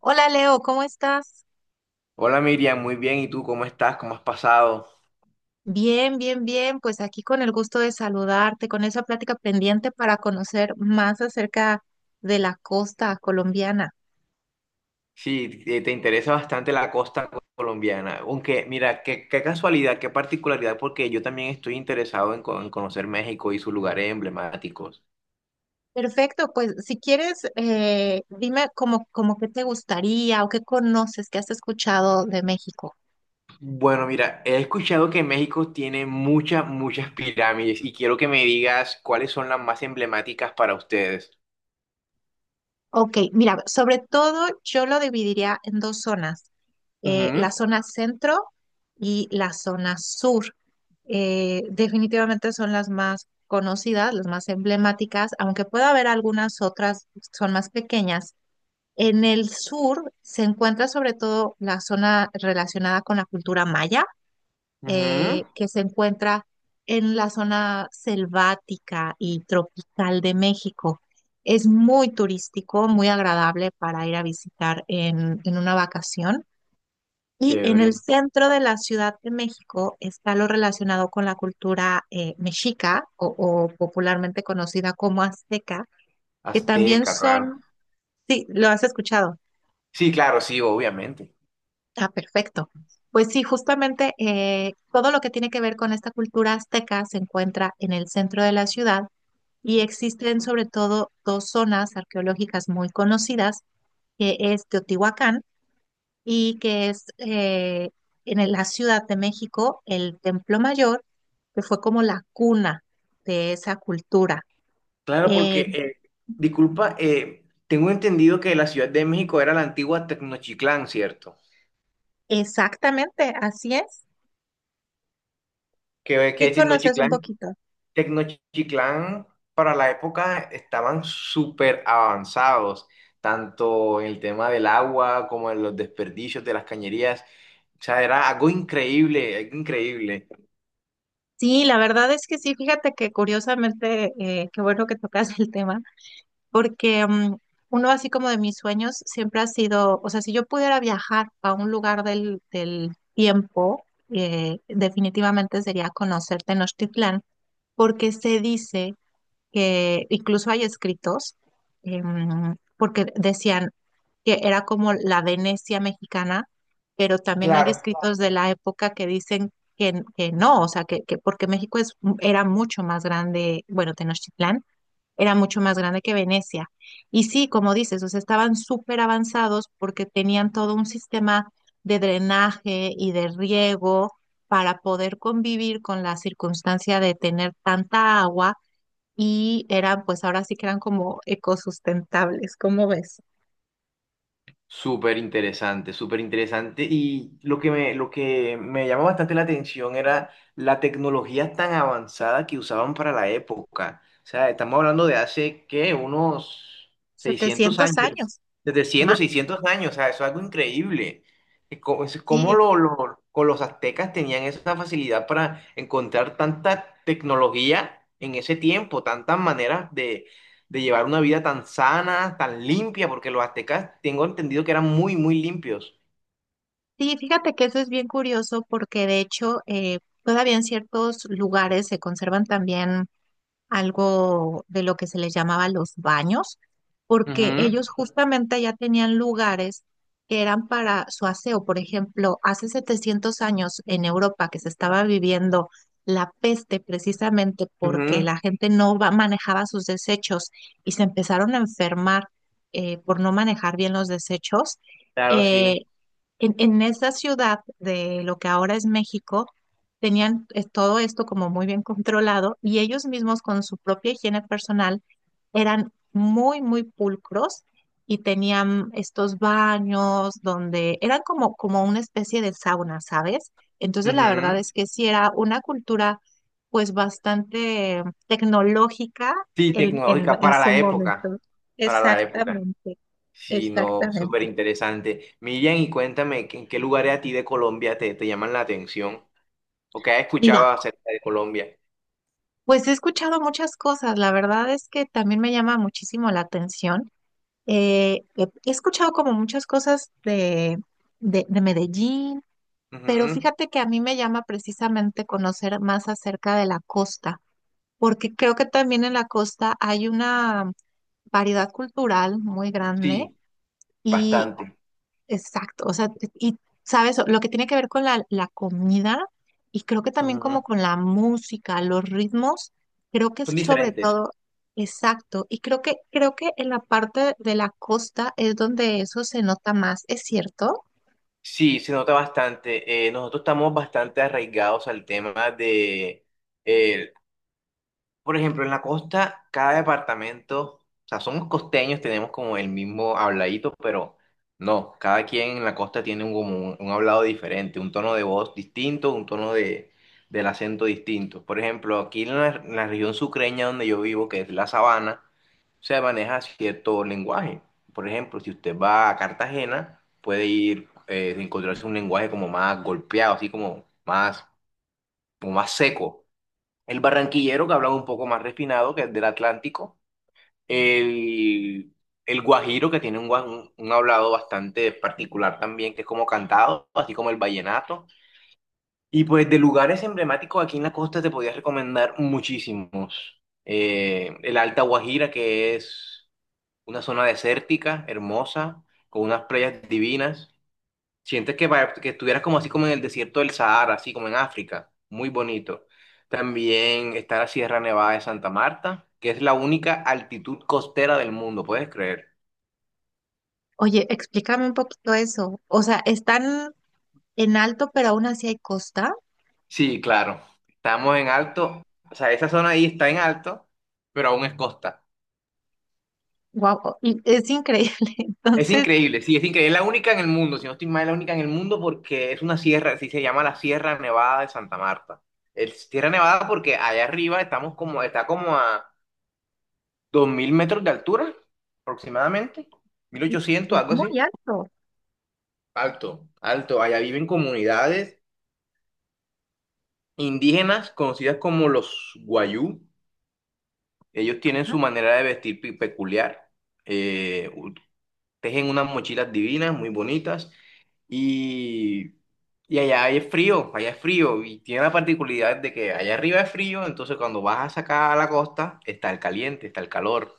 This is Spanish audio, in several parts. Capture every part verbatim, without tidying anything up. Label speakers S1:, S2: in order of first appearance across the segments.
S1: Hola Leo, ¿cómo estás?
S2: Hola Miriam, muy bien. ¿Y tú cómo estás? ¿Cómo has pasado?
S1: Bien, bien, bien. Pues aquí con el gusto de saludarte, con esa plática pendiente para conocer más acerca de la costa colombiana.
S2: Sí, te te interesa bastante la costa colombiana. Aunque, mira, qué, qué casualidad, qué particularidad, porque yo también estoy interesado en, co- en conocer México y sus lugares emblemáticos.
S1: Perfecto, pues si quieres, eh, dime como, como qué te gustaría o qué conoces, qué has escuchado de México.
S2: Bueno, mira, he escuchado que México tiene muchas, muchas pirámides y quiero que me digas cuáles son las más emblemáticas para ustedes.
S1: Ok, mira, sobre todo yo lo dividiría en dos zonas, eh,
S2: Ujú,
S1: la zona centro y la zona sur. Eh, definitivamente son las más conocidas, las más emblemáticas, aunque pueda haber algunas otras, son más pequeñas. En el sur se encuentra sobre todo la zona relacionada con la cultura maya
S2: ujú.
S1: eh, que se encuentra en la zona selvática y tropical de México. Es muy turístico, muy agradable para ir a visitar en, en una vacación. Y en el
S2: Chévere.
S1: centro de la Ciudad de México está lo relacionado con la cultura eh, mexica o, o popularmente conocida como azteca, que también
S2: Azteca, claro.
S1: son, sí, lo has escuchado.
S2: Sí, claro, sí, obviamente.
S1: Ah, perfecto. Pues sí, justamente eh, todo lo que tiene que ver con esta cultura azteca se encuentra en el centro de la ciudad y existen sobre todo dos zonas arqueológicas muy conocidas, que es Teotihuacán y que es eh, en el- la Ciudad de México el Templo Mayor, que fue como la cuna de esa cultura.
S2: Claro,
S1: Eh,
S2: porque, eh, disculpa, eh, tengo entendido que la Ciudad de México era la antigua Tecnochiclán, ¿cierto?
S1: exactamente, así es.
S2: Que,
S1: ¿Qué
S2: que
S1: conoces un
S2: Tecnochiclán,
S1: poquito?
S2: Tecnochiclán para la época estaban súper avanzados, tanto en el tema del agua como en los desperdicios de las cañerías. O sea, era algo increíble, algo increíble.
S1: Sí, la verdad es que sí, fíjate que curiosamente, eh, qué bueno que tocas el tema, porque mm, uno así como de mis sueños siempre ha sido, o sea, si yo pudiera viajar a un lugar del, del tiempo, eh, definitivamente sería conocer Tenochtitlán, porque se dice que incluso hay escritos, em, porque decían que era como la Venecia mexicana, pero también hay
S2: Claro.
S1: escritos de la época que dicen que, n- que no, o sea, que, que porque México es, era mucho más grande, bueno, Tenochtitlán era mucho más grande que Venecia. Y sí, como dices, o sea, estaban súper avanzados porque tenían todo un sistema de drenaje y de riego para poder convivir con la circunstancia de tener tanta agua y eran, pues ahora sí que eran como ecosustentables, ¿cómo ves?
S2: Súper interesante, súper interesante. Y lo que me, lo que me llamó bastante la atención era la tecnología tan avanzada que usaban para la época. O sea, estamos hablando de hace, ¿qué? Unos seiscientos
S1: setecientos
S2: años,
S1: años
S2: desde cien,
S1: más.
S2: seiscientos años. O sea, eso es algo increíble. Es co- es como
S1: Sí,
S2: lo, lo- con los aztecas tenían esa facilidad para encontrar tanta tecnología en ese tiempo, tantas maneras de llevar una vida tan sana, tan limpia, porque los aztecas tengo entendido que eran muy, muy limpios.
S1: sí, fíjate que eso es bien curioso porque de hecho eh, todavía en ciertos lugares se conservan también algo de lo que se les llamaba los baños, porque
S2: Ujú,
S1: ellos justamente ya tenían lugares que eran para su aseo. Por ejemplo, hace setecientos años en Europa que se estaba viviendo la peste precisamente porque la
S2: ujú,
S1: gente no va- manejaba sus desechos y se empezaron a enfermar eh, por no manejar bien los desechos.
S2: claro,
S1: eh,
S2: sí.
S1: en, en esa ciudad de lo que ahora es México, tenían eh, todo esto como muy bien controlado y ellos mismos con su propia higiene personal eran muy, muy pulcros y tenían estos baños donde eran como, como una especie de sauna, ¿sabes? Entonces la verdad
S2: Ujú.
S1: es que sí era una cultura pues bastante tecnológica
S2: Sí,
S1: en, en
S2: tecnológica
S1: en
S2: para
S1: su
S2: la época,
S1: momento.
S2: para la época.
S1: Exactamente,
S2: Sí, no, súper
S1: exactamente.
S2: interesante. Miriam, y cuéntame, ¿que- ¿en qué lugares a ti de Colombia te, te llaman la atención? ¿O qué has escuchado
S1: Mira.
S2: acerca de Colombia?
S1: Pues he escuchado muchas cosas, la verdad es que también me llama muchísimo la atención. Eh, he he escuchado como muchas cosas de, de, de Medellín, pero
S2: Ujú.
S1: fíjate que a mí me llama precisamente conocer más acerca de la costa, porque creo que también en la costa hay una variedad cultural muy grande.
S2: Sí, bastante.
S1: Exacto, o sea, y sabes, lo que tiene que ver con la, la comida y creo que también
S2: Ujú.
S1: como con la música, los ritmos, creo que es
S2: Son
S1: sobre
S2: diferentes.
S1: todo, exacto, y creo que, creo que en la parte de la costa es donde eso se nota más, ¿es cierto?
S2: Sí, se nota bastante. Eh, nosotros estamos bastante arraigados al tema de, eh, por ejemplo, en la costa, cada departamento, o sea, somos costeños, tenemos como el mismo habladito, pero no, cada quien en la costa tiene un, como un, un hablado diferente, un tono de voz distinto, un tono de, del acento distinto. Por ejemplo, aquí en la, en la región sucreña donde yo vivo, que es la sabana, se maneja cierto lenguaje. Por ejemplo, si usted va a Cartagena, puede ir, eh, encontrarse un lenguaje como más golpeado, así como más, como más seco, el, barranquillero que habla un poco más refinado, que es del Atlántico, el, el guajiro que tiene un, gua- un- un hablado bastante particular también, que es como cantado, así como el vallenato. Y pues de lugares emblemáticos aquí en la costa te podía recomendar muchísimos. Eh, el Alta Guajira, que es una zona desértica, hermosa, con unas playas divinas. Sientes que, va- que estuvieras como así como en el desierto del Sahara, así como en África, muy bonito. También está la Sierra Nevada de Santa Marta, que es la única altitud costera del mundo, ¿puedes creer?
S1: Oye, explícame un poquito eso, o sea, están en alto, pero aún así hay costa,
S2: Sí, claro, estamos en alto, o sea, esa zona ahí está en alto, pero aún es costa.
S1: wow, y es increíble,
S2: Es
S1: entonces
S2: increíble, sí, es increíble, es la única en el mundo, si no estoy mal, es la única en el mundo porque es una sierra, así se llama la Sierra Nevada de Santa Marta. Es Sierra Nevada porque allá arriba estamos como, está como a dos mil metros de altura aproximadamente, mil ochocientos
S1: es
S2: algo así.
S1: muy alto,
S2: Alto, alto. Allá viven comunidades indígenas conocidas como los Guayú. Ellos tienen
S1: ajá.
S2: su manera de vestir pe- peculiar. Eh, u- Tejen unas mochilas divinas, muy bonitas. Y, y allá es frío, allá es frío. Y tiene la particularidad de que allá arriba es frío, entonces cuando vas a sacar a la costa está el caliente, está el calor.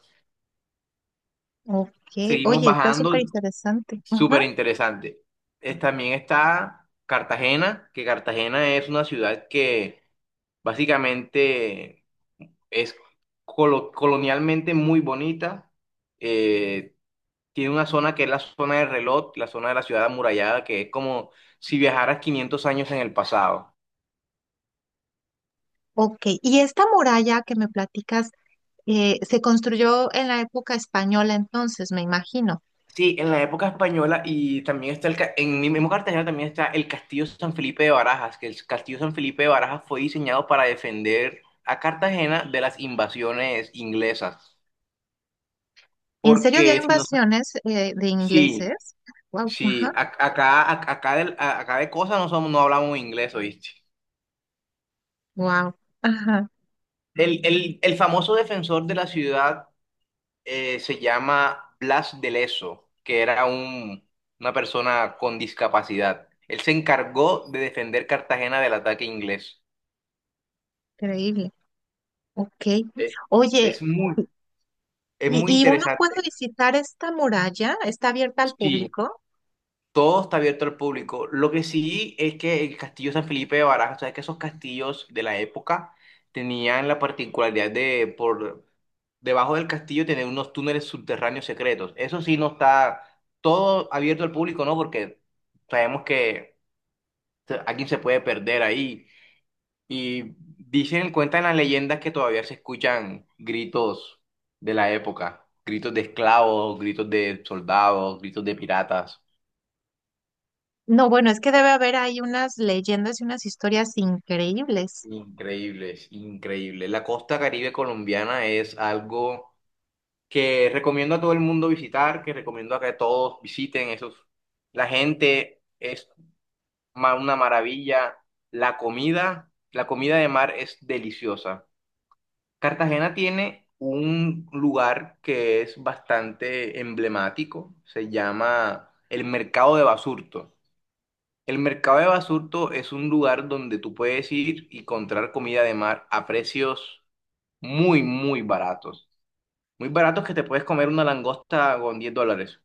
S1: Ok,
S2: Seguimos
S1: oye, está
S2: bajando.
S1: súper interesante.
S2: Súper interesante. Es- también está Cartagena, que Cartagena es una ciudad que básicamente es colo- colonialmente muy bonita. Eh, Tiene una zona que es la zona de reloj, la zona de la ciudad amurallada, que es como si viajaras quinientos años en el pasado.
S1: Ok, y esta muralla que me platicas eh, se construyó en la época española entonces, me imagino.
S2: Sí, en la época española y también está el, ca- en mi mismo Cartagena también está el Castillo San Felipe de Barajas, que el Castillo San Felipe de Barajas fue diseñado para defender a Cartagena de las invasiones inglesas.
S1: ¿En serio había
S2: Porque si no,
S1: invasiones eh, de
S2: sí,
S1: ingleses? Wow,
S2: sí,
S1: ajá,
S2: a- acá, a- acá, del- a- acá de cosas no somos, no hablamos inglés, ¿oíste?
S1: wow, ajá,
S2: El, el, el famoso defensor de la ciudad eh, se llama Blas de Leso, que era un, una persona con discapacidad. Él se encargó de defender Cartagena del ataque inglés.
S1: increíble. Ok.
S2: Es,
S1: Oye,
S2: es muy, es
S1: ¿y,
S2: muy
S1: y uno
S2: interesante.
S1: puede visitar esta muralla? ¿Está abierta al
S2: Sí,
S1: público?
S2: todo está abierto al público. Lo que sí es que el castillo San Felipe de Barajas, o sea, que esos castillos de la época tenían la particularidad de por debajo del castillo tener unos túneles subterráneos secretos. Eso sí no está todo abierto al público, ¿no? Porque sabemos que se- alguien se puede perder ahí. Y dicen, cuentan las leyendas que todavía se escuchan gritos de la época, gritos de esclavos, gritos de soldados, gritos de piratas.
S1: No, bueno, es que debe haber ahí unas leyendas y unas historias increíbles.
S2: Increíbles, increíbles. La costa Caribe colombiana es algo que recomiendo a todo el mundo visitar, que recomiendo a que todos visiten esos. La gente es ma- una maravilla. La comida, la comida de mar es deliciosa. Cartagena tiene un lugar que es bastante emblemático, se llama el Mercado de Basurto. El Mercado de Basurto es un lugar donde tú puedes ir y comprar comida de mar a precios muy, muy baratos. Muy baratos que te puedes comer una langosta con diez dólares.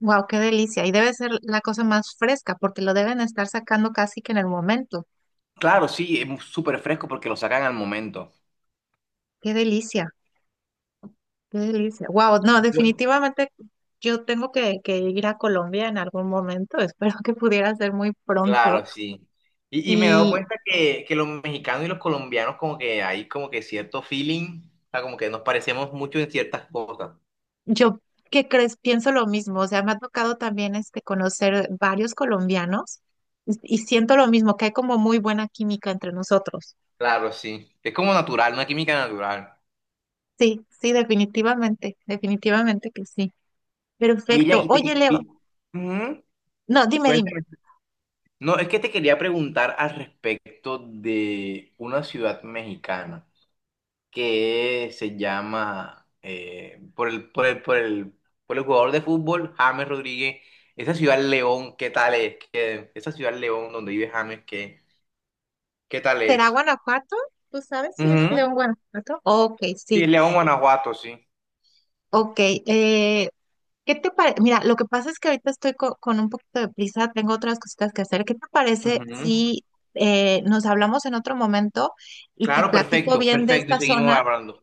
S1: Wow, qué delicia. Y debe ser la cosa más fresca porque lo deben estar sacando casi que en el momento.
S2: Claro, sí, es súper fresco porque lo sacan al momento.
S1: Qué delicia. Qué delicia. Wow, no,
S2: Bu-
S1: definitivamente yo tengo que, que ir a Colombia en algún momento. Espero que pudiera ser muy pronto.
S2: Claro, sí. Y, y me he dado
S1: Y
S2: cuenta que, que los mexicanos y los colombianos como que hay como que cierto feeling, o sea, como que nos parecemos mucho en ciertas cosas.
S1: yo, ¿qué crees? Pienso lo mismo. O sea, me ha tocado también este, conocer varios colombianos y, y siento lo mismo, que hay como muy buena química entre nosotros.
S2: Claro, sí. Es como natural, una química natural.
S1: Sí, sí, definitivamente, definitivamente que sí.
S2: Miriam,
S1: Perfecto.
S2: y te...
S1: Oye,
S2: que-
S1: Leo,
S2: y- ujú,
S1: no, dime, dime,
S2: cuéntame. No, es que te quería preguntar al respecto de una ciudad mexicana que se llama eh, por el, por el, por el, por el jugador de fútbol James Rodríguez. Esa ciudad León, ¿qué tal es? ¿Qué- ¿esa ciudad León donde vive James, ¿qué, qué tal
S1: ¿será
S2: es?
S1: Guanajuato? ¿Tú sabes si es
S2: Ujú.
S1: León Guanajuato? Ok, sí.
S2: Sí, León, Guanajuato, sí.
S1: Ok, eh, ¿qué te parece? Mira, lo que pasa es que ahorita estoy co- con un poquito de prisa, tengo otras cositas que hacer. ¿Qué te parece
S2: Ujú.
S1: si eh, nos hablamos en otro momento y te
S2: Claro,
S1: platico
S2: perfecto,
S1: bien de
S2: perfecto. Y
S1: esta
S2: seguimos
S1: zona?
S2: hablando.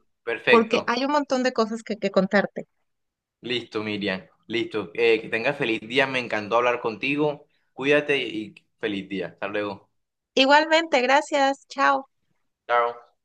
S1: Porque
S2: Perfecto.
S1: hay un montón de cosas que, que contarte.
S2: Listo, Miriam. Listo. Eh, que tengas feliz día. Me encantó hablar contigo. Cuídate y feliz día. Hasta luego.
S1: Igualmente, gracias, chao.
S2: Chao.